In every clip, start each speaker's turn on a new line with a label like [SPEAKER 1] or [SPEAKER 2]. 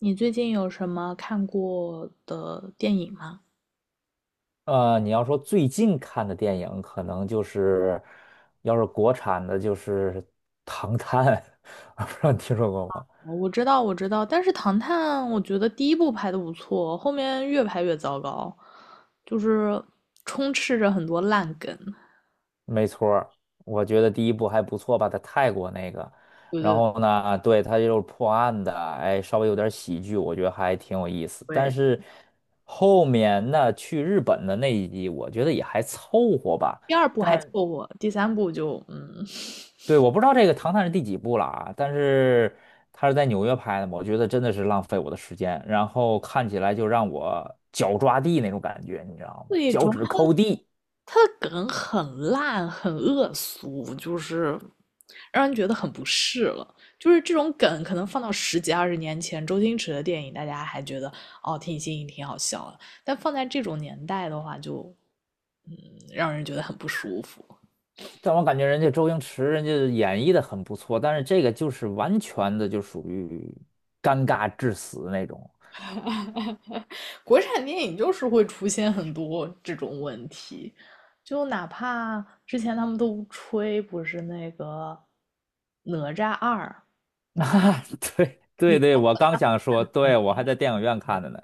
[SPEAKER 1] 你最近有什么看过的电影吗？
[SPEAKER 2] 你要说最近看的电影，可能就是，要是国产的，就是《唐探》，我不知道你听说过吗？
[SPEAKER 1] 哦我知道，我知道，但是《唐探》我觉得第一部拍的不错，后面越拍越糟糕，就是充斥着很多烂梗。
[SPEAKER 2] 没错儿，我觉得第一部还不错吧，在泰国那个。
[SPEAKER 1] 对
[SPEAKER 2] 然
[SPEAKER 1] 对
[SPEAKER 2] 后呢，对，它就是破案的，哎，稍微有点喜剧，我觉得还挺有意思。但
[SPEAKER 1] 对，
[SPEAKER 2] 是后面那去日本的那一集，我觉得也还凑合吧。
[SPEAKER 1] 第二部还
[SPEAKER 2] 但。
[SPEAKER 1] 凑
[SPEAKER 2] 是。
[SPEAKER 1] 合，第三部就
[SPEAKER 2] 对，我不知道这个《唐探》是第几部了啊，但是他是在纽约拍的嘛，我觉得真的是浪费我的时间，然后看起来就让我脚抓地那种感觉，你知道 吗？
[SPEAKER 1] 最以主
[SPEAKER 2] 脚
[SPEAKER 1] 要
[SPEAKER 2] 趾抠地。
[SPEAKER 1] 他的梗很烂，很恶俗，就是让人觉得很不适了。就是这种梗，可能放到十几二十年前，周星驰的电影，大家还觉得哦挺新颖、挺好笑的，但放在这种年代的话就，嗯，让人觉得很不舒服。
[SPEAKER 2] 但我感觉人家周星驰人家演绎的很不错，但是这个就是完全的就属于尴尬致死那种。
[SPEAKER 1] 国产电影就是会出现很多这种问题，就哪怕之前他们都吹不是那个《哪吒二》
[SPEAKER 2] 啊，对
[SPEAKER 1] 里
[SPEAKER 2] 对对，
[SPEAKER 1] 面
[SPEAKER 2] 我刚想说，对，我还在电影院看的呢，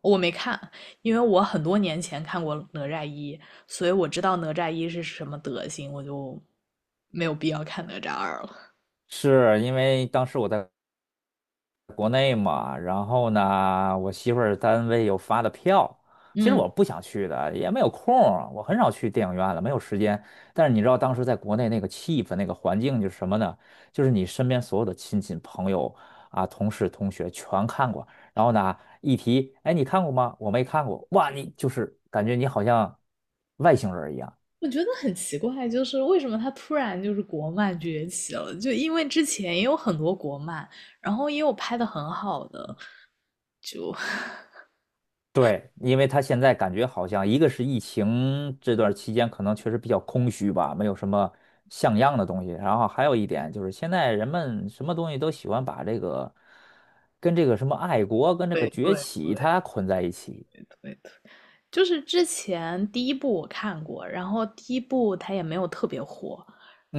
[SPEAKER 1] 我没看，因为我很多年前看过《哪吒一》，所以我知道哪吒一是什么德行，我就没有必要看哪吒二了。
[SPEAKER 2] 是因为当时我在。国内嘛，然后呢，我媳妇儿单位又发的票，其实
[SPEAKER 1] 嗯，
[SPEAKER 2] 我不想去的，也没有空儿，我很少去电影院了，没有时间。但是你知道当时在国内那个气氛、那个环境就是什么呢？就是你身边所有的亲戚朋友啊、同事同学全看过，然后呢，一提，哎，你看过吗？我没看过，哇，你就是感觉你好像外星人一样。
[SPEAKER 1] 我觉得很奇怪，就是为什么它突然就是国漫崛起了？就因为之前也有很多国漫，然后也有拍的很好的，就
[SPEAKER 2] 对，因为他现在感觉好像一个是疫情这段期间可能确实比较空虚吧，没有什么像样的东西。然后还有一点就是，现在人们什么东西都喜欢把这个跟这个什么爱国跟这
[SPEAKER 1] 对
[SPEAKER 2] 个崛
[SPEAKER 1] 对
[SPEAKER 2] 起
[SPEAKER 1] 对
[SPEAKER 2] 它捆在一起。
[SPEAKER 1] 对对。就是之前第一部我看过，然后第一部它也没有特别火，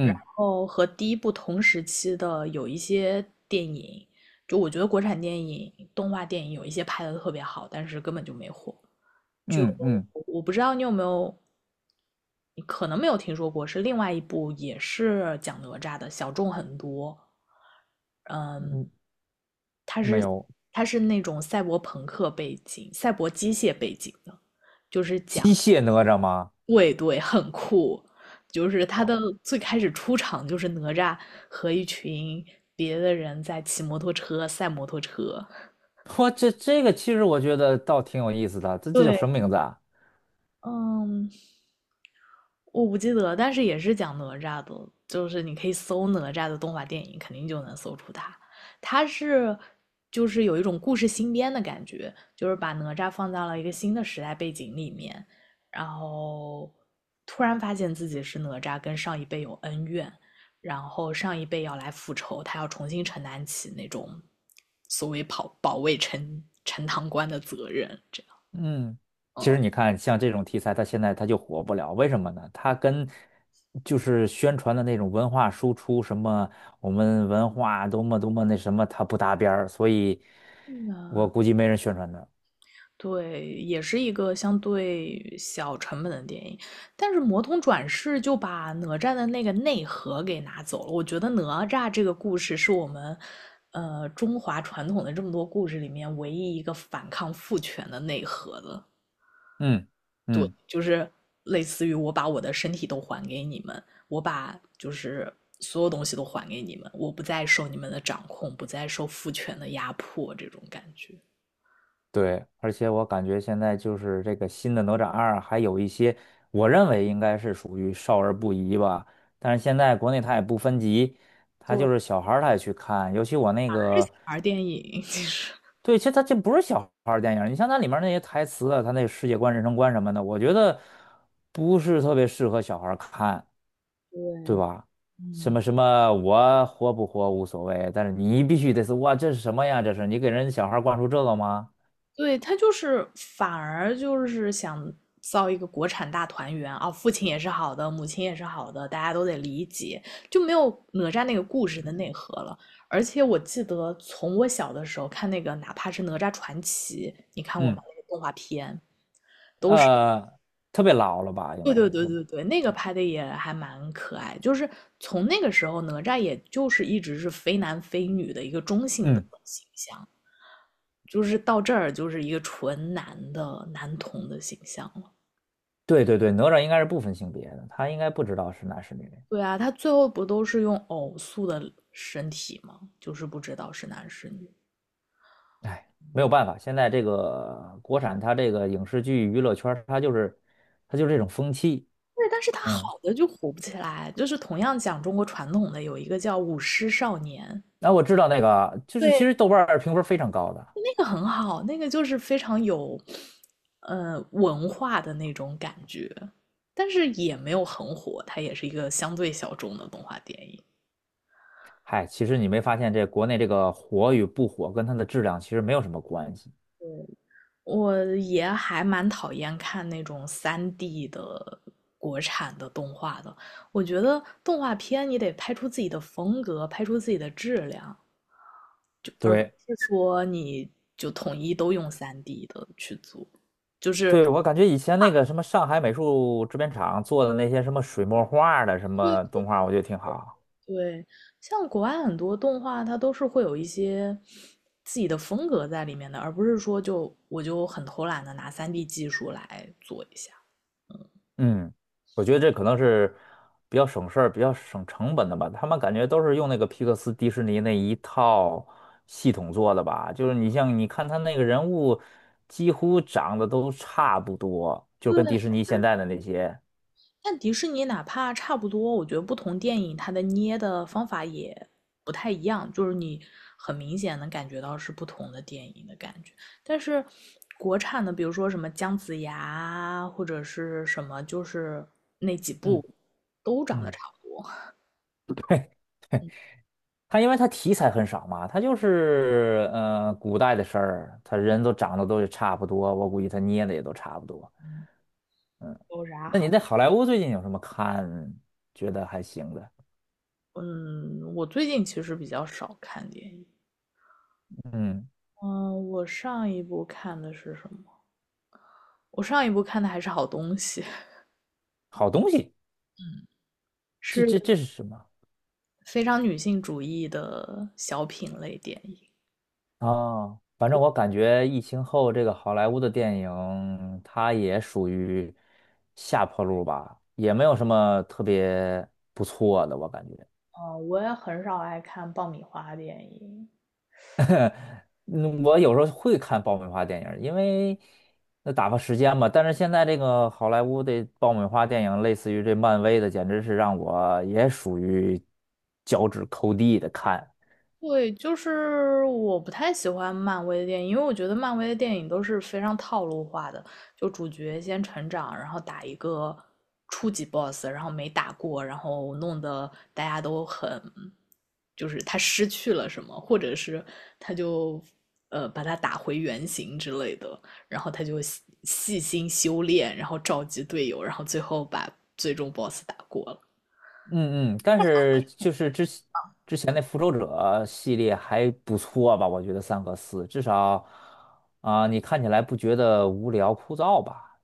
[SPEAKER 1] 然后和第一部同时期的有一些电影，就我觉得国产电影、动画电影有一些拍的特别好，但是根本就没火。就
[SPEAKER 2] 嗯，嗯
[SPEAKER 1] 我不知道你有没有，你可能没有听说过，是另外一部也是讲哪吒的，小众很多。嗯，
[SPEAKER 2] 嗯，没有。
[SPEAKER 1] 它是那种赛博朋克背景、赛博机械背景的，就是
[SPEAKER 2] 机
[SPEAKER 1] 讲
[SPEAKER 2] 械哪吒吗？
[SPEAKER 1] 对对，很酷。就是他的
[SPEAKER 2] 哇，
[SPEAKER 1] 最开始出场就是哪吒和一群别的人在骑摩托车赛摩托车。
[SPEAKER 2] 这个其实我觉得倒挺有意思的，这叫
[SPEAKER 1] 对，
[SPEAKER 2] 什么名字啊？
[SPEAKER 1] 嗯，我不记得，但是也是讲哪吒的，就是你可以搜哪吒的动画电影，肯定就能搜出它。它是就是有一种故事新编的感觉，就是把哪吒放到了一个新的时代背景里面，然后突然发现自己是哪吒，跟上一辈有恩怨，然后上一辈要来复仇，他要重新承担起那种所谓保卫陈塘关的责任，这样，
[SPEAKER 2] 嗯，其实
[SPEAKER 1] 嗯。
[SPEAKER 2] 你看，像这种题材，它现在它就火不了，为什么呢？它跟就是宣传的那种文化输出，什么我们文化多么多么那什么，它不搭边儿，所以我估计没人宣传它。
[SPEAKER 1] 对，也是一个相对小成本的电影，但是《魔童转世》就把哪吒的那个内核给拿走了。我觉得哪吒这个故事是我们，中华传统的这么多故事里面唯一一个反抗父权的内核的。
[SPEAKER 2] 嗯
[SPEAKER 1] 对，
[SPEAKER 2] 嗯，
[SPEAKER 1] 就是类似于我把我的身体都还给你们，我把就是所有东西都还给你们，我不再受你们的掌控，不再受父权的压迫，这种感觉。
[SPEAKER 2] 对，而且我感觉现在就是这个新的《哪吒二》，还有一些我认为应该是属于少儿不宜吧，但是现在国内它也不分级，它
[SPEAKER 1] 对，
[SPEAKER 2] 就是小孩儿他也去看，尤其我那
[SPEAKER 1] 还是
[SPEAKER 2] 个。
[SPEAKER 1] 小孩儿电影，其实。
[SPEAKER 2] 对，其实它这不是小孩儿电影儿，你像它里面儿那些台词啊，它那世界观、人生观什么的，我觉得不是特别适合小孩儿看，对
[SPEAKER 1] 对，
[SPEAKER 2] 吧？什
[SPEAKER 1] 嗯，
[SPEAKER 2] 么什么，我活不活无所谓，但是你必须得是哇，这是什么呀？这是你给人小孩儿灌输这个吗？
[SPEAKER 1] 对，他就是反而就是想造一个国产大团圆啊，父亲也是好的，母亲也是好的，大家都得理解，就没有哪吒那个故事的内核了。而且我记得从我小的时候看那个，哪怕是《哪吒传奇》，你看过吗？
[SPEAKER 2] 嗯，
[SPEAKER 1] 那个动画片。
[SPEAKER 2] 呃，特别老了吧，应
[SPEAKER 1] 对
[SPEAKER 2] 该
[SPEAKER 1] 对
[SPEAKER 2] 是
[SPEAKER 1] 对
[SPEAKER 2] 是吗？
[SPEAKER 1] 对对，那个拍的也还蛮可爱。就是从那个时候，哪吒也就是一直是非男非女的一个中性的
[SPEAKER 2] 嗯，
[SPEAKER 1] 形象。就是到这儿就是一个纯男的男童的形象了。
[SPEAKER 2] 对对对，哪吒应该是不分性别的，他应该不知道是男是女。
[SPEAKER 1] 对啊，他最后不都是用偶塑的身体吗？就是不知道是男是女。
[SPEAKER 2] 哎，没有办法，现在这个国产它这个影视剧娱乐圈儿，它就是这种风气。
[SPEAKER 1] 对，但是他
[SPEAKER 2] 嗯。
[SPEAKER 1] 好的就火不起来，就是同样讲中国传统的，有一个叫舞狮少年，
[SPEAKER 2] 那我知道那个，就是其
[SPEAKER 1] 对，
[SPEAKER 2] 实豆瓣儿评分非常高的。
[SPEAKER 1] 那个很好，那个就是非常有，文化的那种感觉，但是也没有很火，它也是一个相对小众的动画电影。
[SPEAKER 2] 嗨，其实你没发现这国内这个火与不火跟它的质量其实没有什么关系。
[SPEAKER 1] 我也还蛮讨厌看那种三 d 的国产的动画的。我觉得动画片你得拍出自己的风格，拍出自己的质量，而不
[SPEAKER 2] 对，
[SPEAKER 1] 是说你就统一都用三 d 的去做。就是
[SPEAKER 2] 对，我感觉以前那个什么上海美术制片厂做的那些什么水墨画的什么动画，我觉得挺好。
[SPEAKER 1] 对，像国外很多动画，它都是会有一些自己的风格在里面的，而不是说就我就很偷懒的拿三 d 技术来做一下。
[SPEAKER 2] 嗯，我觉得这可能是比较省事儿、比较省成本的吧。他们感觉都是用那个皮克斯、迪士尼那一套系统做的吧。就是你像你看他那个人物，几乎长得都差不多，就跟
[SPEAKER 1] 对，
[SPEAKER 2] 迪士尼现在的那些。
[SPEAKER 1] 但迪士尼哪怕差不多，我觉得不同电影它的捏的方法也不太一样，就是你很明显能感觉到是不同的电影的感觉。但是国产的，比如说什么姜子牙或者是什么，就是那几部
[SPEAKER 2] 嗯
[SPEAKER 1] 都长得
[SPEAKER 2] 嗯，
[SPEAKER 1] 差不多。
[SPEAKER 2] 他因为他题材很少嘛，他就是古代的事儿，他人都长得都差不多，我估计他捏的也都差不多。
[SPEAKER 1] 有啥
[SPEAKER 2] 那你
[SPEAKER 1] 好？
[SPEAKER 2] 在好莱坞最近有什么看觉得还行的？
[SPEAKER 1] 嗯，我最近其实比较少看电影。
[SPEAKER 2] 嗯，
[SPEAKER 1] 嗯，我上一部看的是什么？我上一部看的还是好东西，
[SPEAKER 2] 好东西。
[SPEAKER 1] 嗯
[SPEAKER 2] 这
[SPEAKER 1] 是
[SPEAKER 2] 这这是什么
[SPEAKER 1] 非常女性主义的小品类电影。
[SPEAKER 2] 啊？反正我感觉疫情后这个好莱坞的电影，它也属于下坡路吧，也没有什么特别不错的，我感觉。
[SPEAKER 1] 嗯、我也很少爱看爆米花电影，
[SPEAKER 2] 嗯，我有时候会看爆米花电影，因为那打发时间嘛。但是现在这个好莱坞的爆米花电影，类似于这漫威的，简直是让我也属于脚趾抠地的看。
[SPEAKER 1] 对，就是我不太喜欢漫威的电影，因为我觉得漫威的电影都是非常套路化的，就主角先成长，然后打一个初级 boss，然后没打过，然后弄得大家都很，就是他失去了什么，或者是他就把他打回原形之类的，然后他就细心修炼，然后召集队友，然后最后把最终 boss 打过了。
[SPEAKER 2] 嗯嗯，但是就是之前那《复仇者》系列还不错吧？我觉得三和四至少啊、你看起来不觉得无聊枯燥吧？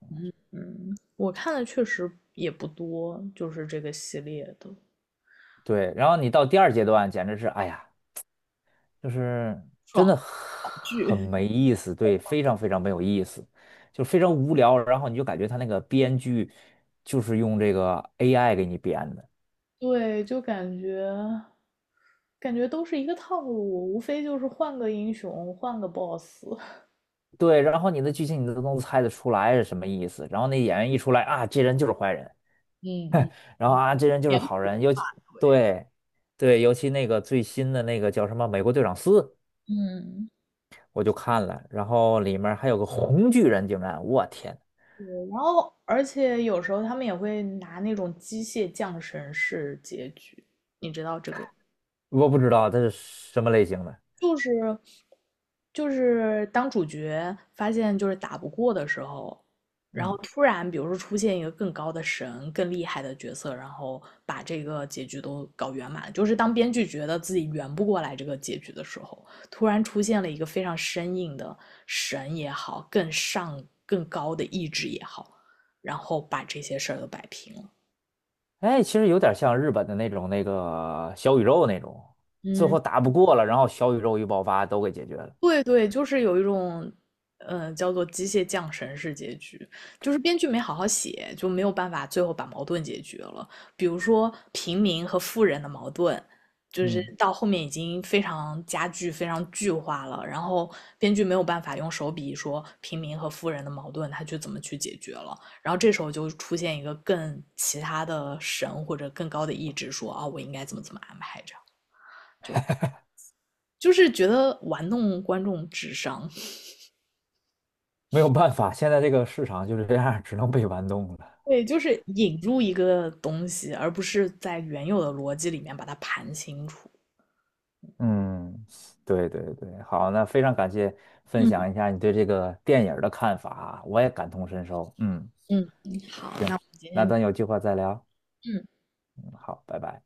[SPEAKER 1] 嗯，我看的确实也不多，就是这个系列的。
[SPEAKER 2] 对，然后你到第二阶段，简直是哎呀，就是真的
[SPEAKER 1] 爽
[SPEAKER 2] 很
[SPEAKER 1] 剧，
[SPEAKER 2] 没 意思，对，非常非常没有意思，就非常无聊。然后你就感觉他那个编剧就是用这个 AI 给你编的，
[SPEAKER 1] 对，就感觉都是一个套路，无非就是换个英雄，换个 boss。
[SPEAKER 2] 对，然后你的剧情你都能猜得出来是什么意思，然后那演员一出来啊，这人就是坏人。
[SPEAKER 1] 嗯嗯，
[SPEAKER 2] 然后啊，这人就是
[SPEAKER 1] 脸
[SPEAKER 2] 好
[SPEAKER 1] 谱
[SPEAKER 2] 人，尤其
[SPEAKER 1] 对，
[SPEAKER 2] 对对，尤其那个最新的那个叫什么《美国队长四》，
[SPEAKER 1] 嗯，
[SPEAKER 2] 我就看了，然后里面还有个红巨人，竟然，我天，
[SPEAKER 1] 对。然后，而且有时候他们也会拿那种机械降神式结局，
[SPEAKER 2] 我不知道他是什么类型的。
[SPEAKER 1] 就是就是当主角发现就是打不过的时候，然后
[SPEAKER 2] 嗯，
[SPEAKER 1] 突然比如说出现一个更高的神、更厉害的角色，然后把这个结局都搞圆满。就是当编剧觉得自己圆不过来这个结局的时候，突然出现了一个非常生硬的神也好，更上更高的意志也好，然后把这些事儿都摆平了。
[SPEAKER 2] 哎，其实有点像日本的那种那个小宇宙那种，最
[SPEAKER 1] 嗯，
[SPEAKER 2] 后打不过了，然后小宇宙一爆发都给解决了。
[SPEAKER 1] 对对，就是有一种，叫做机械降神式结局，就是编剧没好好写，就没有办法最后把矛盾解决了。比如说平民和富人的矛盾，就是
[SPEAKER 2] 嗯，
[SPEAKER 1] 到后面已经非常加剧、非常剧化了，然后编剧没有办法用手笔说平民和富人的矛盾他去怎么去解决了，然后这时候就出现一个更其他的神或者更高的意志说啊，我应该怎么怎么安排这样，就是觉得玩弄观众智商。
[SPEAKER 2] 没有办法，现在这个市场就是这样，只能被玩弄了。
[SPEAKER 1] 对，就是引入一个东西，而不是在原有的逻辑里面把它盘清楚。
[SPEAKER 2] 嗯，对对对，好，那非常感谢分
[SPEAKER 1] 嗯，
[SPEAKER 2] 享一下你对这个电影儿的看法啊，我也感同身受。嗯，
[SPEAKER 1] 嗯，嗯好，那
[SPEAKER 2] 行，
[SPEAKER 1] 我们今
[SPEAKER 2] 那
[SPEAKER 1] 天就
[SPEAKER 2] 咱有机会再聊。
[SPEAKER 1] 嗯。
[SPEAKER 2] 嗯，好，拜拜。